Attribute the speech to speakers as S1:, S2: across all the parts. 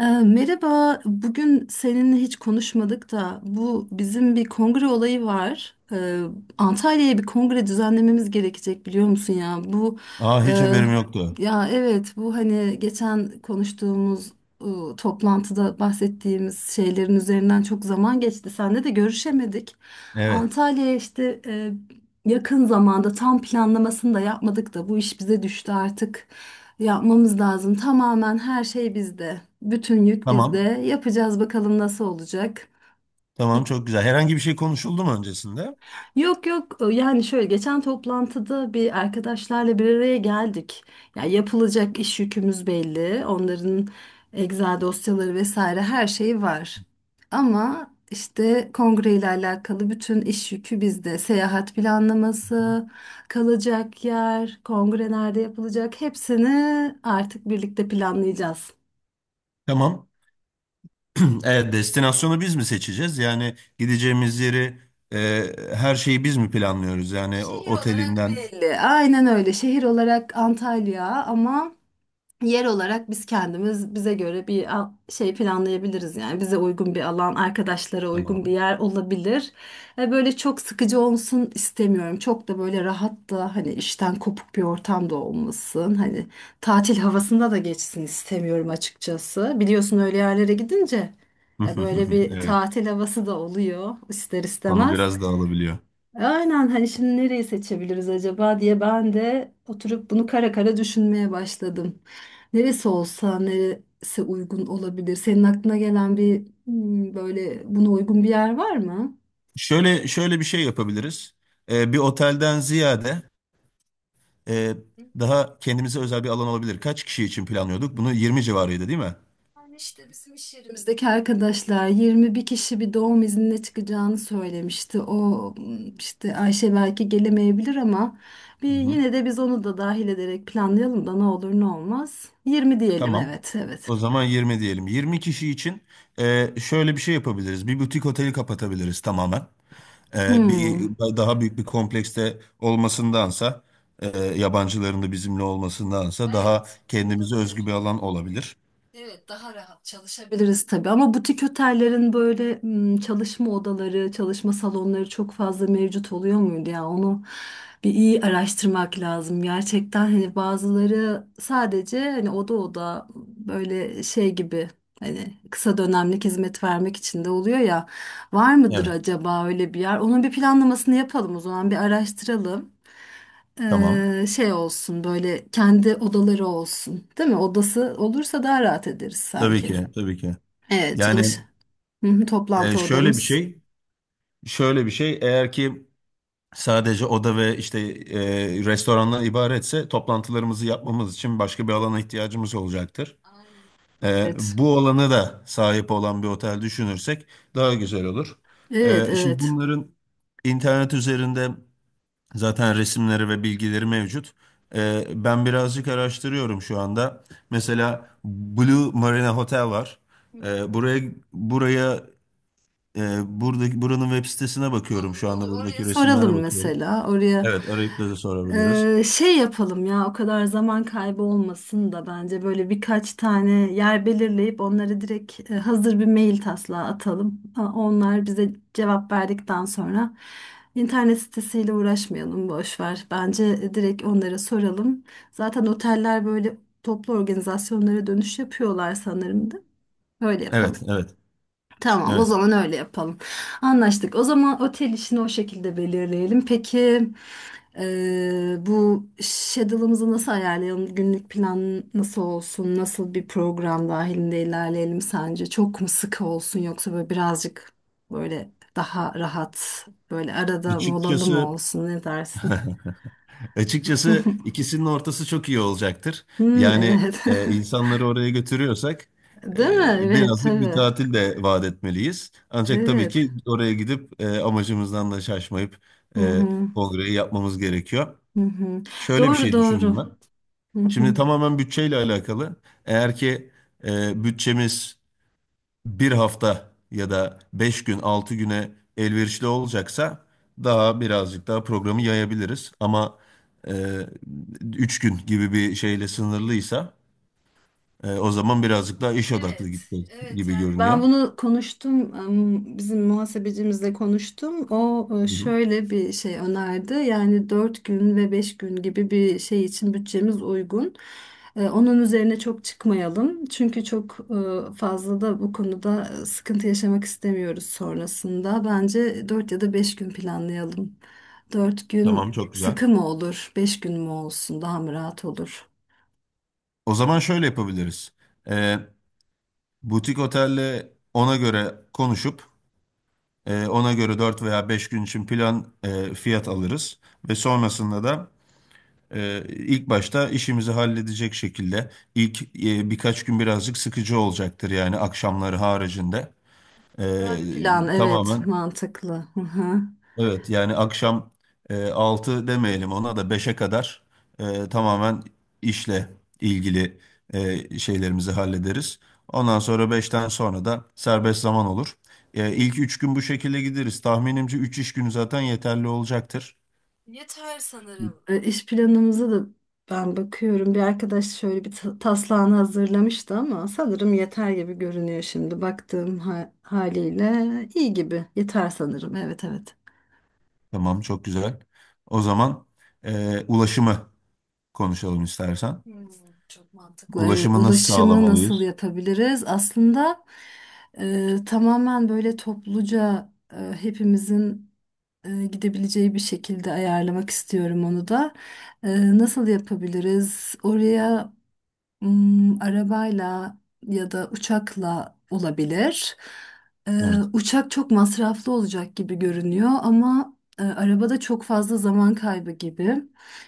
S1: Merhaba, bugün seninle hiç konuşmadık da bu bizim bir kongre olayı var. Antalya'ya bir kongre düzenlememiz gerekecek, biliyor musun ya?
S2: Aa, hiç
S1: E,
S2: haberim yoktu.
S1: ya evet, bu hani geçen konuştuğumuz e, toplantıda bahsettiğimiz şeylerin üzerinden çok zaman geçti. Seninle de görüşemedik.
S2: Evet.
S1: Antalya'ya işte yakın zamanda, tam planlamasını da yapmadık da bu iş bize düştü artık. Yapmamız lazım. Tamamen her şey bizde. Bütün yük bizde.
S2: Tamam.
S1: Yapacağız, bakalım nasıl olacak.
S2: Tamam, çok güzel. Herhangi bir şey konuşuldu mu öncesinde?
S1: Yok yok, yani şöyle, geçen toplantıda bir arkadaşlarla bir araya geldik. Ya, yapılacak iş yükümüz belli. Onların Excel dosyaları vesaire her şeyi var. Ama işte kongre ile alakalı bütün iş yükü bizde. Seyahat planlaması, kalacak yer, kongre nerede yapılacak, hepsini artık birlikte planlayacağız.
S2: Tamam. Evet, destinasyonu biz mi seçeceğiz? Yani gideceğimiz yeri her şeyi biz mi planlıyoruz? Yani
S1: Şehir olarak
S2: otelinden.
S1: belli. Aynen öyle. Şehir olarak Antalya ama yer olarak biz kendimiz, bize göre bir şey planlayabiliriz. Yani bize uygun bir alan, arkadaşlara uygun bir
S2: Tamam.
S1: yer olabilir. Böyle çok sıkıcı olsun istemiyorum. Çok da böyle rahat da, hani işten kopuk bir ortam da olmasın. Hani tatil havasında da geçsin istemiyorum açıkçası. Biliyorsun, öyle yerlere gidince ya böyle bir
S2: Evet.
S1: tatil havası da oluyor ister
S2: Konu
S1: istemez.
S2: biraz dağılabiliyor.
S1: Aynen. Hani şimdi nereyi seçebiliriz acaba diye ben de oturup bunu kara kara düşünmeye başladım. Neresi olsa, neresi uygun olabilir? Senin aklına gelen, bir böyle buna uygun bir yer var mı?
S2: Şöyle şöyle bir şey yapabiliriz. Bir otelden ziyade e, daha kendimize özel bir alan olabilir. Kaç kişi için planlıyorduk? Bunu 20 civarıydı değil mi?
S1: Yani işte bizim iş yerimizdeki arkadaşlar 21 kişi, bir doğum iznine çıkacağını söylemişti. O işte Ayşe belki gelemeyebilir ama bir yine de biz onu da dahil ederek planlayalım da, ne olur ne olmaz. 20 diyelim,
S2: Tamam.
S1: evet evet.
S2: O zaman 20 diyelim. 20 kişi için şöyle bir şey yapabiliriz. Bir butik oteli kapatabiliriz tamamen. E, bir
S1: Hmm.
S2: daha büyük bir komplekste olmasındansa, yabancıların da bizimle
S1: Hmm,
S2: olmasındansa daha
S1: evet,
S2: kendimize özgü
S1: olabilir.
S2: bir alan olabilir.
S1: Evet, daha rahat çalışabiliriz tabii ama butik otellerin böyle çalışma odaları, çalışma salonları çok fazla mevcut oluyor muydu ya? Onu bir iyi araştırmak lazım. Gerçekten hani bazıları sadece, hani oda oda böyle şey gibi, hani kısa dönemlik hizmet vermek için de oluyor ya. Var mıdır
S2: Evet.
S1: acaba öyle bir yer? Onun bir planlamasını yapalım o zaman, bir araştıralım.
S2: Tamam.
S1: Şey olsun, böyle kendi odaları olsun, değil mi? Odası olursa daha rahat ederiz
S2: Tabii
S1: sanki.
S2: ki, tabii ki.
S1: Evet, çalış.
S2: Yani
S1: Hı hı, toplantı
S2: şöyle bir
S1: odamız.
S2: şey, şöyle bir şey. Eğer ki sadece oda ve işte restorandan ibaretse toplantılarımızı yapmamız için başka bir alana ihtiyacımız olacaktır.
S1: Evet.
S2: Bu olanı da sahip olan bir otel düşünürsek daha güzel olur.
S1: Evet
S2: Şimdi
S1: evet.
S2: bunların internet üzerinde zaten resimleri ve bilgileri mevcut. Ben birazcık araştırıyorum şu anda. Mesela Blue Marina Hotel var. Buraya buraya buranın web sitesine bakıyorum
S1: Olur,
S2: şu anda,
S1: olur. Oraya
S2: buradaki resimlere
S1: soralım
S2: bakıyorum.
S1: mesela. Oraya
S2: Evet, arayıp da sorabiliriz.
S1: Şey yapalım ya, o kadar zaman kaybı olmasın da. Bence böyle birkaç tane yer belirleyip onları direkt hazır bir mail taslağı atalım. Ha, onlar bize cevap verdikten sonra internet sitesiyle uğraşmayalım, boş ver. Bence direkt onlara soralım. Zaten oteller böyle toplu organizasyonlara dönüş yapıyorlar sanırım da. Öyle
S2: Evet,
S1: yapalım.
S2: evet
S1: Tamam, o
S2: evet.
S1: zaman öyle yapalım. Anlaştık. O zaman otel işini o şekilde belirleyelim. Peki bu schedule'ımızı nasıl ayarlayalım? Günlük plan nasıl olsun? Nasıl bir program dahilinde ilerleyelim sence? Çok mu sıkı olsun, yoksa böyle birazcık böyle daha rahat, böyle arada molalı mı
S2: Açıkçası,
S1: olsun? Ne dersin?
S2: İkisinin ortası çok iyi olacaktır.
S1: Hmm,
S2: Yani
S1: evet.
S2: insanları oraya götürüyorsak
S1: Değil mi? Evet,
S2: birazcık bir
S1: tabii.
S2: tatil de vaat etmeliyiz. Ancak tabii
S1: Evet.
S2: ki oraya gidip amacımızdan da şaşmayıp
S1: Hı
S2: e,
S1: hı,
S2: kongreyi yapmamız gerekiyor.
S1: hı hı.
S2: Şöyle bir
S1: Doğru,
S2: şey
S1: doğru.
S2: düşündüm ben.
S1: Hı
S2: Şimdi
S1: hı.
S2: tamamen bütçeyle alakalı. Eğer ki bütçemiz bir hafta ya da 5 gün 6 güne elverişli olacaksa daha birazcık daha programı yayabiliriz. Ama e, 3 gün gibi bir şeyle sınırlıysa o zaman birazcık daha iş odaklı gitti
S1: Evet,
S2: gibi
S1: yani ben
S2: görünüyor.
S1: bunu konuştum, bizim muhasebecimizle konuştum. O
S2: Hı hı.
S1: şöyle bir şey önerdi. Yani 4 gün ve 5 gün gibi bir şey için bütçemiz uygun. Onun üzerine çok çıkmayalım, çünkü çok fazla da bu konuda sıkıntı yaşamak istemiyoruz sonrasında. Bence 4 ya da 5 gün planlayalım. Dört
S2: Tamam,
S1: gün
S2: çok güzel.
S1: sıkı mı olur, 5 gün mü olsun daha mı rahat olur?
S2: O zaman şöyle yapabiliriz. E, Butik otelle ona göre konuşup ona göre 4 veya 5 gün için fiyat alırız ve sonrasında da ilk başta işimizi halledecek şekilde ilk birkaç gün birazcık sıkıcı olacaktır yani akşamları haricinde. Ee,
S1: Güzel bir plan, evet,
S2: tamamen
S1: mantıklı. Hı hı.
S2: evet, yani akşam 6 demeyelim, ona da beşe kadar tamamen işle ilgili şeylerimizi hallederiz. Ondan sonra, beşten sonra da serbest zaman olur. İlk 3 gün bu şekilde gideriz. Tahminimce 3 iş günü zaten yeterli olacaktır.
S1: Yeter sanırım. İş planımıza da ben bakıyorum. Bir arkadaş şöyle bir taslağını hazırlamıştı ama sanırım yeter gibi görünüyor şimdi. Baktığım haliyle iyi gibi. Yeter sanırım. Evet evet.
S2: Tamam, çok güzel. O zaman ulaşımı konuşalım istersen.
S1: Hmm, Çok bu, mantıklı. Evet,
S2: Ulaşımı nasıl
S1: ulaşımı nasıl
S2: sağlamalıyız?
S1: yapabiliriz? Aslında tamamen böyle topluca hepimizin gidebileceği bir şekilde ayarlamak istiyorum onu da. Nasıl yapabiliriz oraya? Arabayla ya da uçakla olabilir. Ee,
S2: Evet.
S1: Uçak çok masraflı olacak gibi görünüyor ama arabada çok fazla zaman kaybı gibi.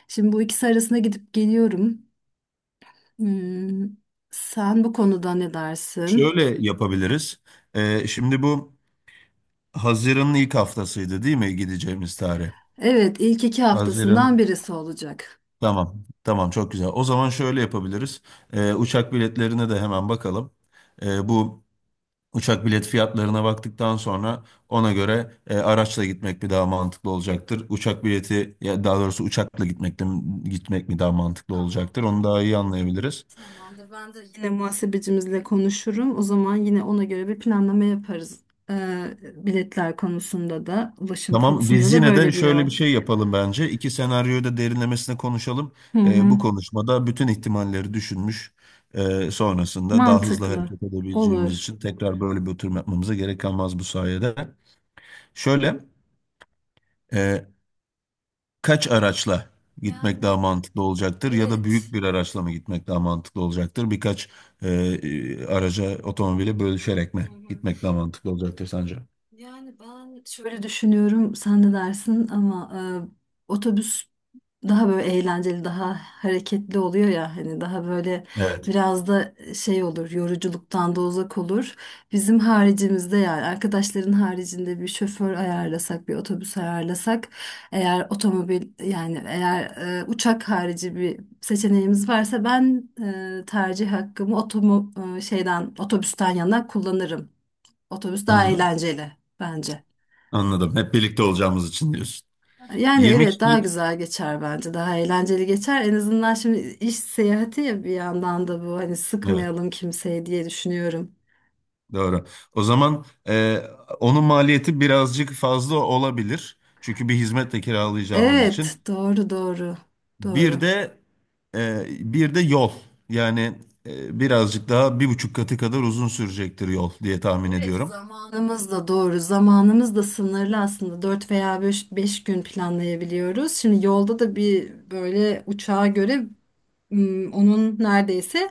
S1: Şimdi bu ikisi arasında gidip geliyorum. Hmm, Sen bu konuda ne dersin?
S2: Şöyle yapabiliriz. Şimdi bu Haziran'ın ilk haftasıydı değil mi gideceğimiz tarih?
S1: Evet, ilk iki haftasından
S2: Haziran.
S1: birisi olacak.
S2: Tamam. Tamam, çok güzel. O zaman şöyle yapabiliriz. Uçak biletlerine de hemen bakalım. Bu Uçak bilet fiyatlarına baktıktan sonra ona göre araçla gitmek mi daha mantıklı olacaktır? Uçak bileti, ya daha doğrusu uçakla gitmek mi daha mantıklı
S1: Tamam,
S2: olacaktır? Onu daha
S1: tamam.
S2: iyi anlayabiliriz.
S1: Tamamdır. Ben de yine muhasebecimizle konuşurum. O zaman yine ona göre bir planlama yaparız. Biletler konusunda da, ulaşım
S2: Tamam,
S1: konusunda
S2: biz
S1: da
S2: yine de
S1: böyle bir
S2: şöyle
S1: yol.
S2: bir şey yapalım bence. İki senaryoyu da derinlemesine konuşalım.
S1: Hı hı.
S2: Bu konuşmada bütün ihtimalleri düşünmüş, sonrasında daha hızlı
S1: Mantıklı.
S2: hareket edebileceğimiz
S1: Olur.
S2: için tekrar böyle bir oturum yapmamıza gerek kalmaz bu sayede. Şöyle. e, Kaç araçla gitmek daha mantıklı olacaktır ya da büyük bir araçla mı gitmek daha mantıklı olacaktır? Birkaç araca, otomobile bölüşerek mi gitmek daha mantıklı olacaktır sence?
S1: Yani ben şöyle düşünüyorum, sen ne dersin ama otobüs daha böyle eğlenceli, daha hareketli oluyor ya. Hani daha böyle
S2: Evet,
S1: biraz da şey olur, yoruculuktan da uzak olur. Bizim haricimizde, yani arkadaşların haricinde bir şoför ayarlasak, bir otobüs ayarlasak, eğer otomobil, yani eğer uçak harici bir seçeneğimiz varsa, ben tercih hakkımı otomo e, şeyden otobüsten yana kullanırım. Otobüs daha
S2: anladım.
S1: eğlenceli bence.
S2: Anladım. Hep birlikte olacağımız için diyorsun.
S1: Yani
S2: Yirmi
S1: evet, daha
S2: kişilik,
S1: güzel geçer bence. Daha eğlenceli geçer. En azından şimdi iş seyahati ya, bir yandan da bu, hani
S2: evet,
S1: sıkmayalım kimseyi diye düşünüyorum.
S2: doğru. O zaman onun maliyeti birazcık fazla olabilir. Çünkü bir hizmetle kiralayacağımız
S1: Evet,
S2: için.
S1: doğru doğru. Doğru.
S2: Bir de e, yol. Yani birazcık daha bir buçuk katı kadar uzun sürecektir yol diye tahmin
S1: Evet,
S2: ediyorum.
S1: zamanımız da doğru. Zamanımız da sınırlı aslında. 4 veya 5 gün planlayabiliyoruz. Şimdi yolda da bir böyle, uçağa göre onun neredeyse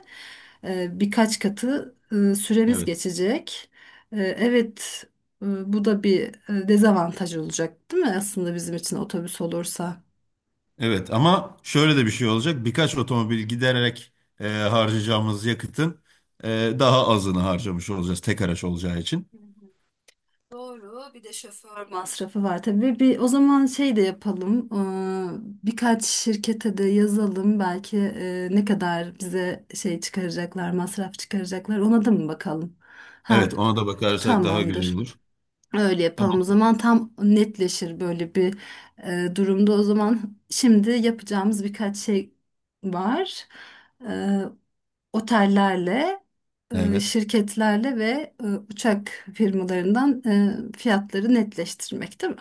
S1: birkaç katı süremiz
S2: Evet.
S1: geçecek. Evet, bu da bir dezavantaj olacak, değil mi? Aslında bizim için otobüs olursa.
S2: Evet, ama şöyle de bir şey olacak. Birkaç otomobil gidererek harcayacağımız yakıtın e, daha azını harcamış olacağız tek araç olacağı için.
S1: Doğru. Bir de şoför masrafı var tabii. Bir, o zaman şey de yapalım. Birkaç şirkete de yazalım. Belki ne kadar bize şey çıkaracaklar, masraf çıkaracaklar. Ona da mı bakalım? Ha,
S2: Evet, ona da bakarsak daha güzel
S1: tamamdır.
S2: olur.
S1: Öyle yapalım o
S2: Tamam.
S1: zaman, tam netleşir böyle bir durumda. O zaman şimdi yapacağımız birkaç şey var. E, Otellerle,
S2: Evet.
S1: şirketlerle ve uçak firmalarından fiyatları netleştirmek, değil mi?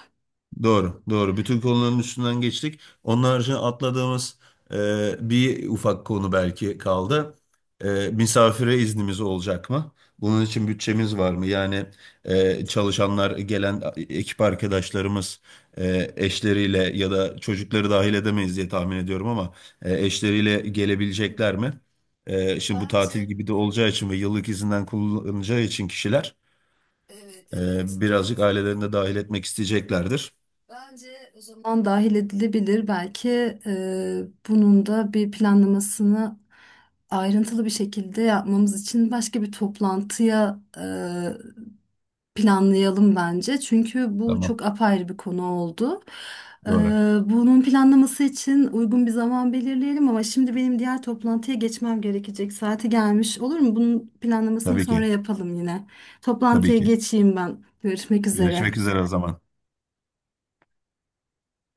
S2: Doğru, doğru. Bütün konuların üstünden geçtik. Onun haricinde atladığımız bir ufak konu belki kaldı. Misafire iznimiz olacak mı? Bunun için bütçemiz var mı? Yani
S1: Evet.
S2: çalışanlar, gelen ekip arkadaşlarımız eşleriyle ya da çocukları dahil edemeyiz diye tahmin ediyorum, ama eşleriyle gelebilecekler mi? Şimdi bu tatil
S1: Bence
S2: gibi de olacağı için ve yıllık izinden kullanacağı için kişiler
S1: evet evet,
S2: birazcık
S1: doğru.
S2: ailelerini de dahil etmek isteyeceklerdir.
S1: Bence o zaman dahil edilebilir. Belki e, bunun da bir planlamasını ayrıntılı bir şekilde yapmamız için başka bir toplantıya planlayalım bence. Çünkü bu
S2: Tamam.
S1: çok apayrı bir konu oldu. E,
S2: Doğru.
S1: Bunun planlaması için uygun bir zaman belirleyelim ama şimdi benim diğer toplantıya geçmem gerekecek. Saati gelmiş, olur mu? Bunun planlamasını
S2: Tabii
S1: sonra
S2: ki.
S1: yapalım yine.
S2: Tabii
S1: Toplantıya
S2: ki.
S1: geçeyim ben. Görüşmek
S2: Görüşmek
S1: üzere.
S2: üzere o zaman.